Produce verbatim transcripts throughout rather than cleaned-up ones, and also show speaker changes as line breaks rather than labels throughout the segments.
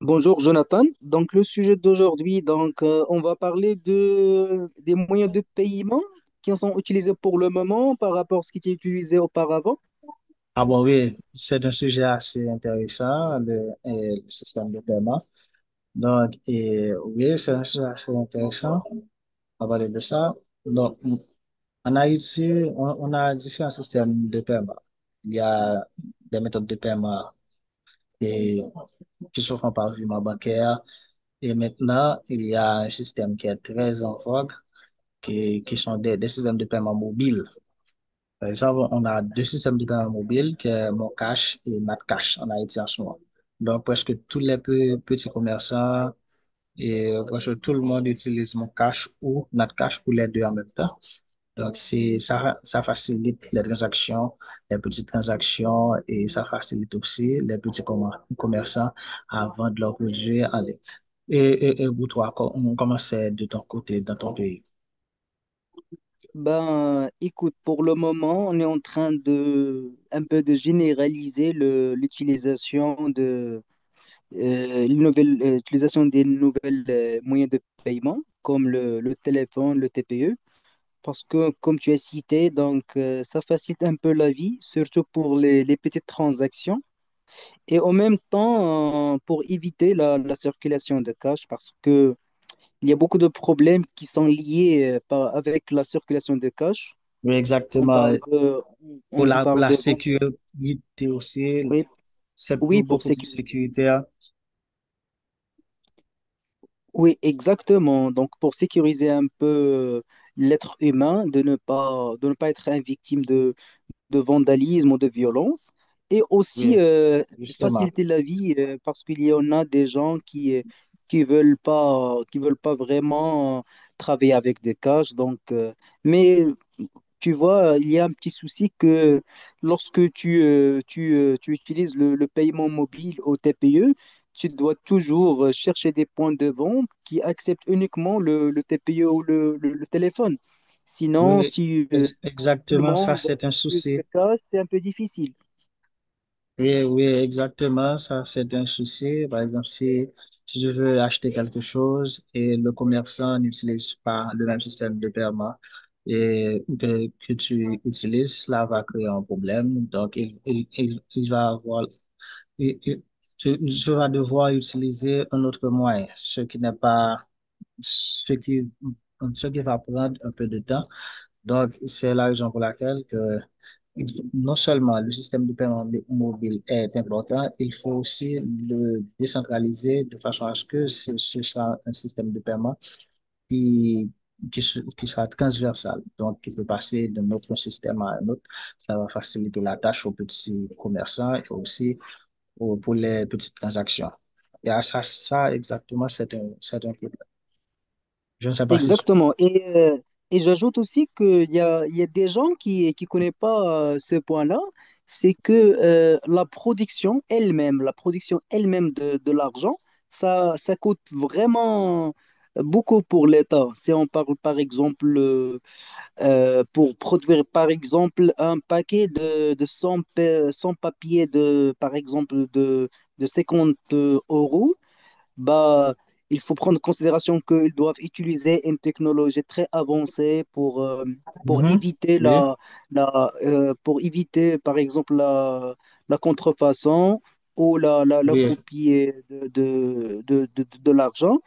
Bonjour Jonathan. Donc le sujet d'aujourd'hui, donc euh, on va parler de des moyens de paiement qui sont utilisés pour le moment par rapport à ce qui était utilisé auparavant.
Ah bon, oui, c'est un sujet assez intéressant, le, euh, le système de paiement. Donc, et, oui, c'est un sujet assez intéressant à parler de ça. Donc, en Haïti, on, on a différents systèmes de paiement. Il y a des méthodes de paiement et, qui se font par virement bancaire. Et maintenant, il y a un système qui est très en vogue, qui, qui sont des, des systèmes de paiement mobiles. Par exemple, on a deux systèmes de paiement mobile, qui est Mon Cash et Matcash en Haïti en ce moment. Donc, presque tous les pe- petits commerçants et presque tout le monde utilise Mon Cash ou cash ou les deux en même temps. Donc, c'est, ça, ça facilite les transactions, les petites transactions et ça facilite aussi les petits commer- commerçants à vendre leurs produits en ligne. Et, et, et pour toi, co- on commence de ton côté, dans ton pays.
Ben écoute, pour le moment, on est en train de un peu de généraliser le l'utilisation de euh, les nouvelles- euh, l'utilisation des nouvelles euh, moyens de paiement comme le, le téléphone, le T P E. Parce que, comme tu as cité, donc, euh, ça facilite un peu la vie, surtout pour les les petites transactions. Et en même temps, euh, pour éviter la, la circulation de cash, parce que il y a beaucoup de problèmes qui sont liés euh, par- avec la circulation de cash.
Oui,
On
exactement.
parle de,
Pour
on, on
la, pour
parle
la
de vente.
sécurité aussi.
Oui,
C'est plus-
oui, pour
beaucoup plus
sécuriser.
sécuritaire.
Oui, exactement. Donc, pour sécuriser un peu euh, l'être humain, de ne pas, de ne pas être une victime de vandalisme ou de violence, et aussi
Oui,
euh,
justement.
faciliter la vie euh, parce qu'il y en a des gens qui euh, qui veulent pas qui veulent pas vraiment euh, travailler avec des cages. Donc, euh, mais tu vois, il y a un petit souci que lorsque tu, euh, tu, euh, tu utilises le, le paiement mobile au T P E, tu dois toujours euh, chercher des points de vente qui acceptent uniquement le, le T P E ou le, le- le téléphone. Sinon,
Oui,
si, euh,
ex-
le
exactement, ça,
monde
c'est un
use
souci.
le cash, c'est un peu difficile.
Oui, oui, exactement, ça, c'est un souci. Par exemple, si, si je veux acheter quelque chose et le commerçant n'utilise pas le même système de paiement et que, que tu utilises, cela va créer un problème. Donc, il, il, il, il va avoir, il- il- tu, tu vas devoir utiliser un autre moyen, ce qui n'est pas ce qui, ce qui va prendre un peu de temps. Donc, c'est la raison pour laquelle que non seulement le système de paiement mobile est important, il faut aussi le décentraliser de façon à ce que ce, ce soit un système de paiement qui, qui, qui sera transversal, donc qui peut passer d'un autre système à un autre. Ça va faciliter la tâche aux petits commerçants et aussi aux, pour les petites transactions. Et à ça, ça exactement, c'est un, c'est un problème. Je ne sais pas si tu.
Exactement. Et, euh, et j'ajoute aussi qu'il y a, il y a des gens qui ne connaissent pas euh, ce point-là, c'est que euh, la production elle-même, la production elle-même de, de l'argent, ça, ça coûte vraiment beaucoup pour l'État. Si on parle par exemple, euh, euh, pour produire par exemple un paquet de, de cent pa- cent papiers de, par exemple, de, de cinquante euros, bah, il faut prendre en considération qu'ils doivent utiliser une technologie très avancée pour, euh, pour
Mhm.
éviter
Oui,
la, la, euh, pour éviter, par exemple, la, la contrefaçon ou la, la, la
oui,
copie de, de, de, de, de l'argent.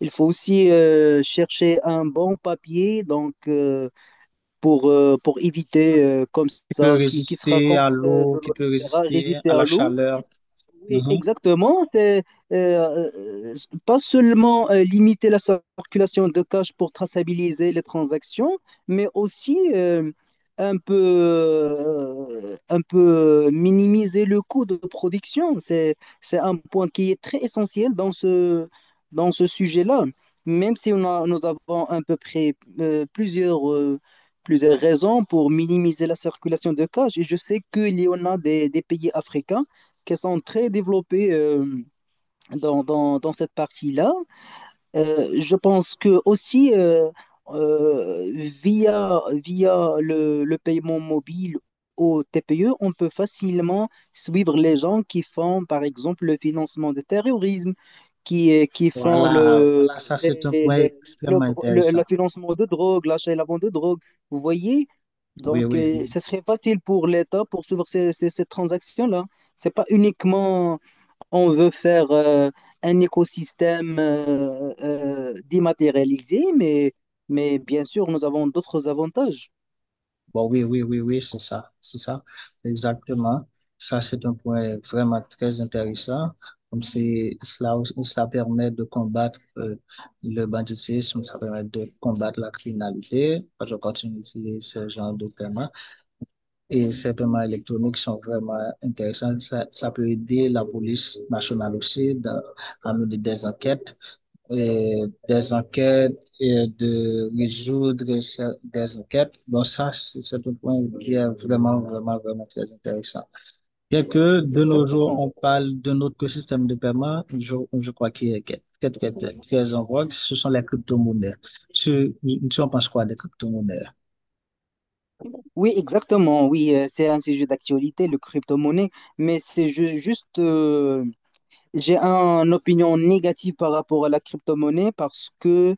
Il faut aussi euh, chercher un bon papier donc, euh, pour, euh, pour éviter euh, comme
qui peut
ça, qui, qui sera
résister
contre
à
euh, de
l'eau, qui
l'eau,
peut
et cetera,
résister
résister
à
à
la
l'eau.
chaleur.
Oui,
Mhm.
exactement. C'est, euh, euh, pas seulement euh, limiter la circulation de cash pour traçabiliser les transactions, mais aussi euh, un peu, euh, un peu minimiser le coût de production. C'est, c'est un point qui est très essentiel dans ce, dans ce sujet-là. Même si on a- nous avons à peu près euh, plusieurs, euh, plusieurs raisons pour minimiser la circulation de cash, et je sais qu'il y en a des des pays africains qui sont très développées euh, dans, dans, dans cette partie-là. Euh, je pense que aussi euh, euh, via, via le, le paiement mobile au T P E, on peut facilement suivre les gens qui font, par exemple, le financement du terrorisme, qui, qui font
Voilà,
le,
voilà, ça c'est
les-
un
les-
point
les- le,
extrêmement
le- le
intéressant.
financement de drogue, l'achat et la vente de drogue. Vous voyez?
Oui,
Donc,
oui,
euh,
oui.
ce serait facile pour l'État pour suivre ces, ces, ces transactions-là. C'est pas uniquement on veut faire euh, un écosystème euh, euh, dématérialisé, mais, mais bien sûr, nous avons d'autres avantages.
Bon, oui, oui, oui, oui, c'est ça, c'est ça, exactement. Ça c'est un point vraiment très intéressant. Comme c'est cela, cela permet de combattre euh, le banditisme, ça permet de combattre la criminalité. Je continue ici ce genre de thème. Et ces paiements électroniques sont vraiment intéressants. Ça, ça peut aider la police nationale aussi dans- à mener des enquêtes, et des enquêtes et de résoudre des enquêtes. Donc ça, c'est un point qui est vraiment, vraiment, vraiment très intéressant. Bien que de nos jours,
Exactement.
on parle d'un autre système de paiement, je, je crois qu'il est très, très, très, très en vogue, ce sont les crypto-monnaies. Tu, tu en penses quoi des crypto-monnaies?
Oui, exactement. Oui, euh, c'est un sujet d'actualité, le crypto-monnaie, mais c'est ju- juste euh, j'ai un- une opinion négative par rapport à la crypto-monnaie parce que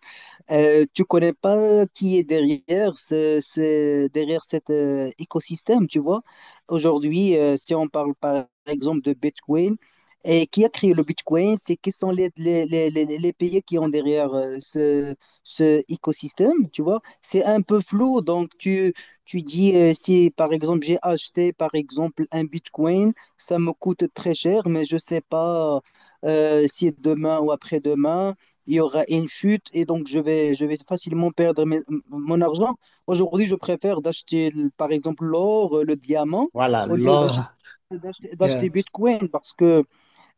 euh, tu connais pas qui est derrière ce, ce- derrière cet euh, écosystème, tu vois. Aujourd'hui, euh, si on parle par exemple de Bitcoin, et qui a créé le Bitcoin, c'est qui sont les, les, les, les, les pays qui ont derrière euh, ce, ce écosystème, tu vois. C'est un peu flou, donc tu, tu dis euh, si par exemple j'ai acheté par exemple un Bitcoin, ça me coûte très cher, mais je sais pas. Euh, si demain ou après-demain, il y aura une chute et donc je vais, je vais facilement perdre mes- m- mon argent. Aujourd'hui, je préfère d'acheter, par exemple, l'or, euh, le diamant,
Voilà,
au lieu d'acheter
l'or.
d'acheter
Yeah.
d'acheter Bitcoin parce que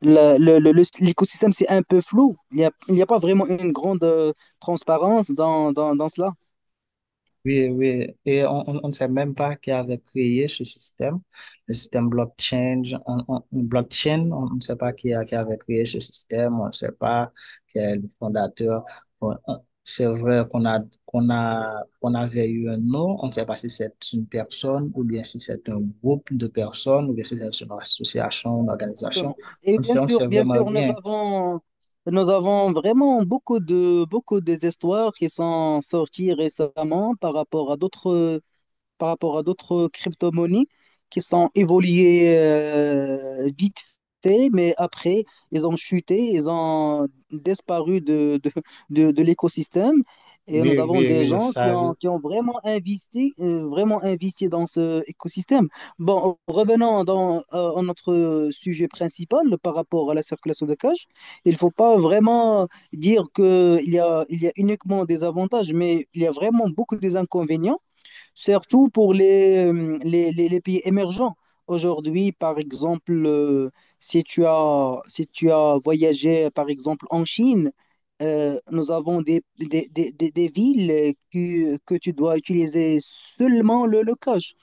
la- le- le- le- l'écosystème, c'est un peu flou. Il n'y a, il n'y a pas vraiment une grande euh, transparence dans, dans, dans cela.
Oui, oui, et on, on on ne sait même pas qui avait créé ce système, le système blockchain. On, on- blockchain, on on ne sait pas qui, a, qui avait créé ce système, on ne sait pas qui est le fondateur. On- on- C'est vrai qu'on a, qu'on a, qu'on avait eu un nom, on ne sait pas si c'est une personne ou bien si c'est un groupe de personnes ou bien si c'est une association, une organisation.
Exactement. Et
On ne
bien
sait, on ne
sûr,
sait
bien
vraiment
sûr, nous
rien.
avons, nous avons vraiment beaucoup de, beaucoup des histoires qui sont sorties récemment par rapport à d'autres, par rapport à d'autres crypto-monnaies qui sont évoluées euh, vite fait, mais après, ils ont chuté, ils ont disparu de, de, de, de l'écosystème. Et
Oui,
nous avons
oui,
des
oui,
gens
ça
qui ont,
arrive.
qui ont vraiment investi, euh, vraiment investi dans ce écosystème. Bon, revenons dans, euh, à notre sujet principal par rapport à la circulation de cash. Il ne faut pas vraiment dire qu'il y a, il y a uniquement des avantages, mais il y a vraiment beaucoup des inconvénients surtout pour les, euh, les, les- les pays émergents. Aujourd'hui, par exemple, euh, si tu as, si tu as voyagé, par exemple, en Chine, euh, nous avons des, des, des, des- des villes qui- que tu dois utiliser seulement le, le cash,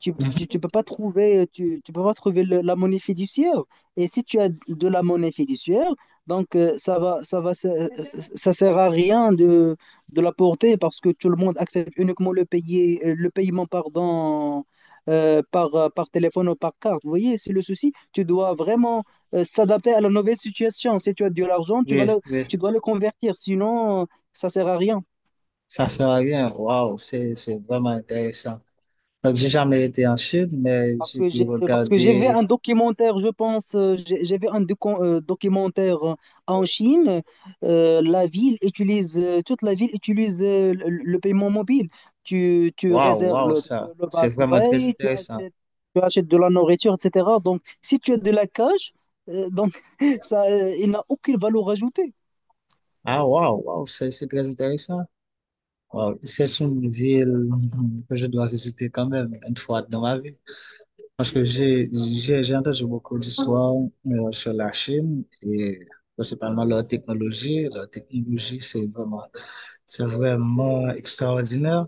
tu, tu, tu peux pas trouver, tu, tu peux pas trouver le- la monnaie fiduciaire. Et si tu as de la monnaie fiduciaire, donc euh, ça va, ça va, ça euh, ça, sert à rien de, de la porter parce que tout le monde accepte uniquement le payer, euh, le paiement, pardon, euh, par, euh, par téléphone ou par carte. Vous voyez, c'est le souci. Tu dois vraiment euh, s'adapter à la nouvelle situation. Si tu as de l'argent, tu vas
Oui,
le,
oui,
tu dois le convertir. Sinon, euh, ça sert à rien.
ça sert à rien. Waouh, c'est, c'est vraiment intéressant. Donc, j'ai jamais été en Chine, mais
Parce
j'ai
que
pu
j'ai parce que j'ai vu
regarder.
un documentaire, je pense, euh, j'ai j'ai vu un docu- euh, documentaire euh, en Chine. Euh, la ville utilise, euh, toute la ville utilise euh, le, le paiement mobile. Tu, tu
Waouh,
réserves
waouh,
le, le,
ça.
le
C'est vraiment très
busway, tu
intéressant.
achètes, tu achètes de la nourriture, et cetera. Donc, si tu as de la cash, euh, donc ça, euh, il n'a aucune valeur ajoutée.
Ah, waouh, waouh, c'est c'est très intéressant. Waouh, c'est une ville que je dois visiter quand même une fois dans ma vie. Parce que j'ai j'ai j'ai entendu beaucoup d'histoires euh, sur la Chine et principalement leur technologie. Leur technologie, c'est vraiment, c'est vraiment extraordinaire.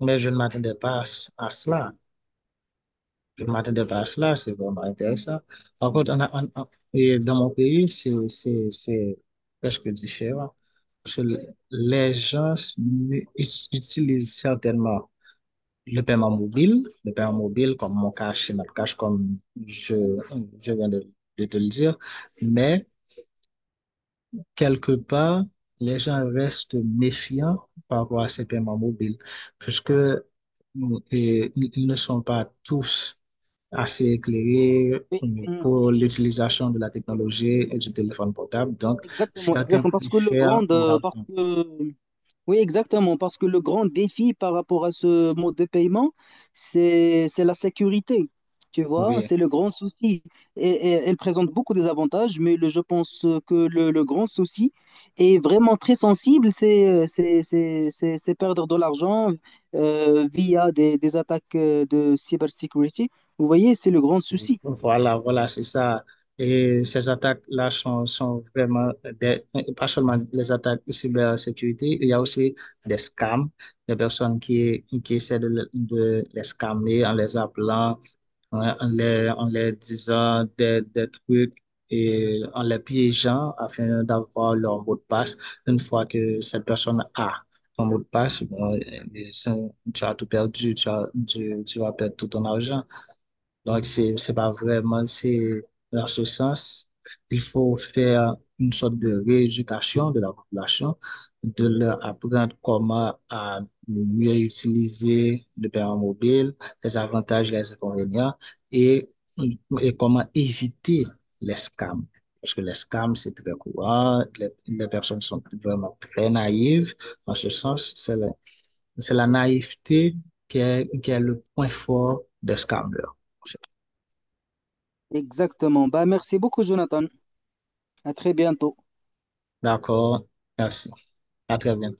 Mais je ne m'attendais pas à, ce- à cela. ما t'intéresse là, c'est vraiment intéressant. Par contre, en, en- et dans mon pays, c'est c'est- c'est presque différent. Parce que les gens ut- utilisent certainement le paiement mobile, le paiement mobile comme mon cash et notre cash, comme je, je viens de, de te le dire. Mais quelque part, les gens restent méfiants par rapport à ces paiements mobiles, puisque mm, et ils ils ne sont pas tous assez éclairé
Oui,
euh,
hum,
pour l'utilisation de la technologie et du téléphone portable. Donc,
exactement,
certains
exactement. Parce que le
préfèrent
grand, euh, parce
l'argent.
que Oui, exactement, parce que le grand défi par rapport à ce mode de paiement, c'est c'est la sécurité. Tu vois,
Oui,
c'est le grand souci. Et, et elle présente beaucoup des avantages, mais le- je pense que le, le grand souci est vraiment très sensible, c'est c'est- c'est- c'est- c'est perdre de l'argent euh, via des, des attaques euh, de cybersécurité. Vous voyez, c'est le grand souci.
voilà, voilà, c'est ça. Et ces attaques-là sont, sont vraiment des, pas seulement les attaques de cybersécurité, il y a aussi des scams, des personnes qui, qui essaient de, le- de les scammer en les appelant. Ouais, en les, en les disant des, des trucs et en les piégeant afin d'avoir leur mot de passe. Une fois que cette personne a son mot de passe, bon, et c'est- tu as tout perdu, tu as, tu, tu vas perdre tout ton argent. Donc, c'est, c'est pas vraiment, c'est dans ce sens, il faut faire une sorte de rééducation de la population, de leur apprendre comment à mieux utiliser le paiement mobile, les avantages, les inconvénients et, et comment éviter les scams. Parce que les scams, c'est très courant, les, les personnes sont vraiment très naïves. En ce sens, c'est la, c'est la naïveté qui est, qui est le point fort des scammers.
Exactement. Bah, merci beaucoup, Jonathan. À très bientôt.
D'accord. Merci. À très bientôt.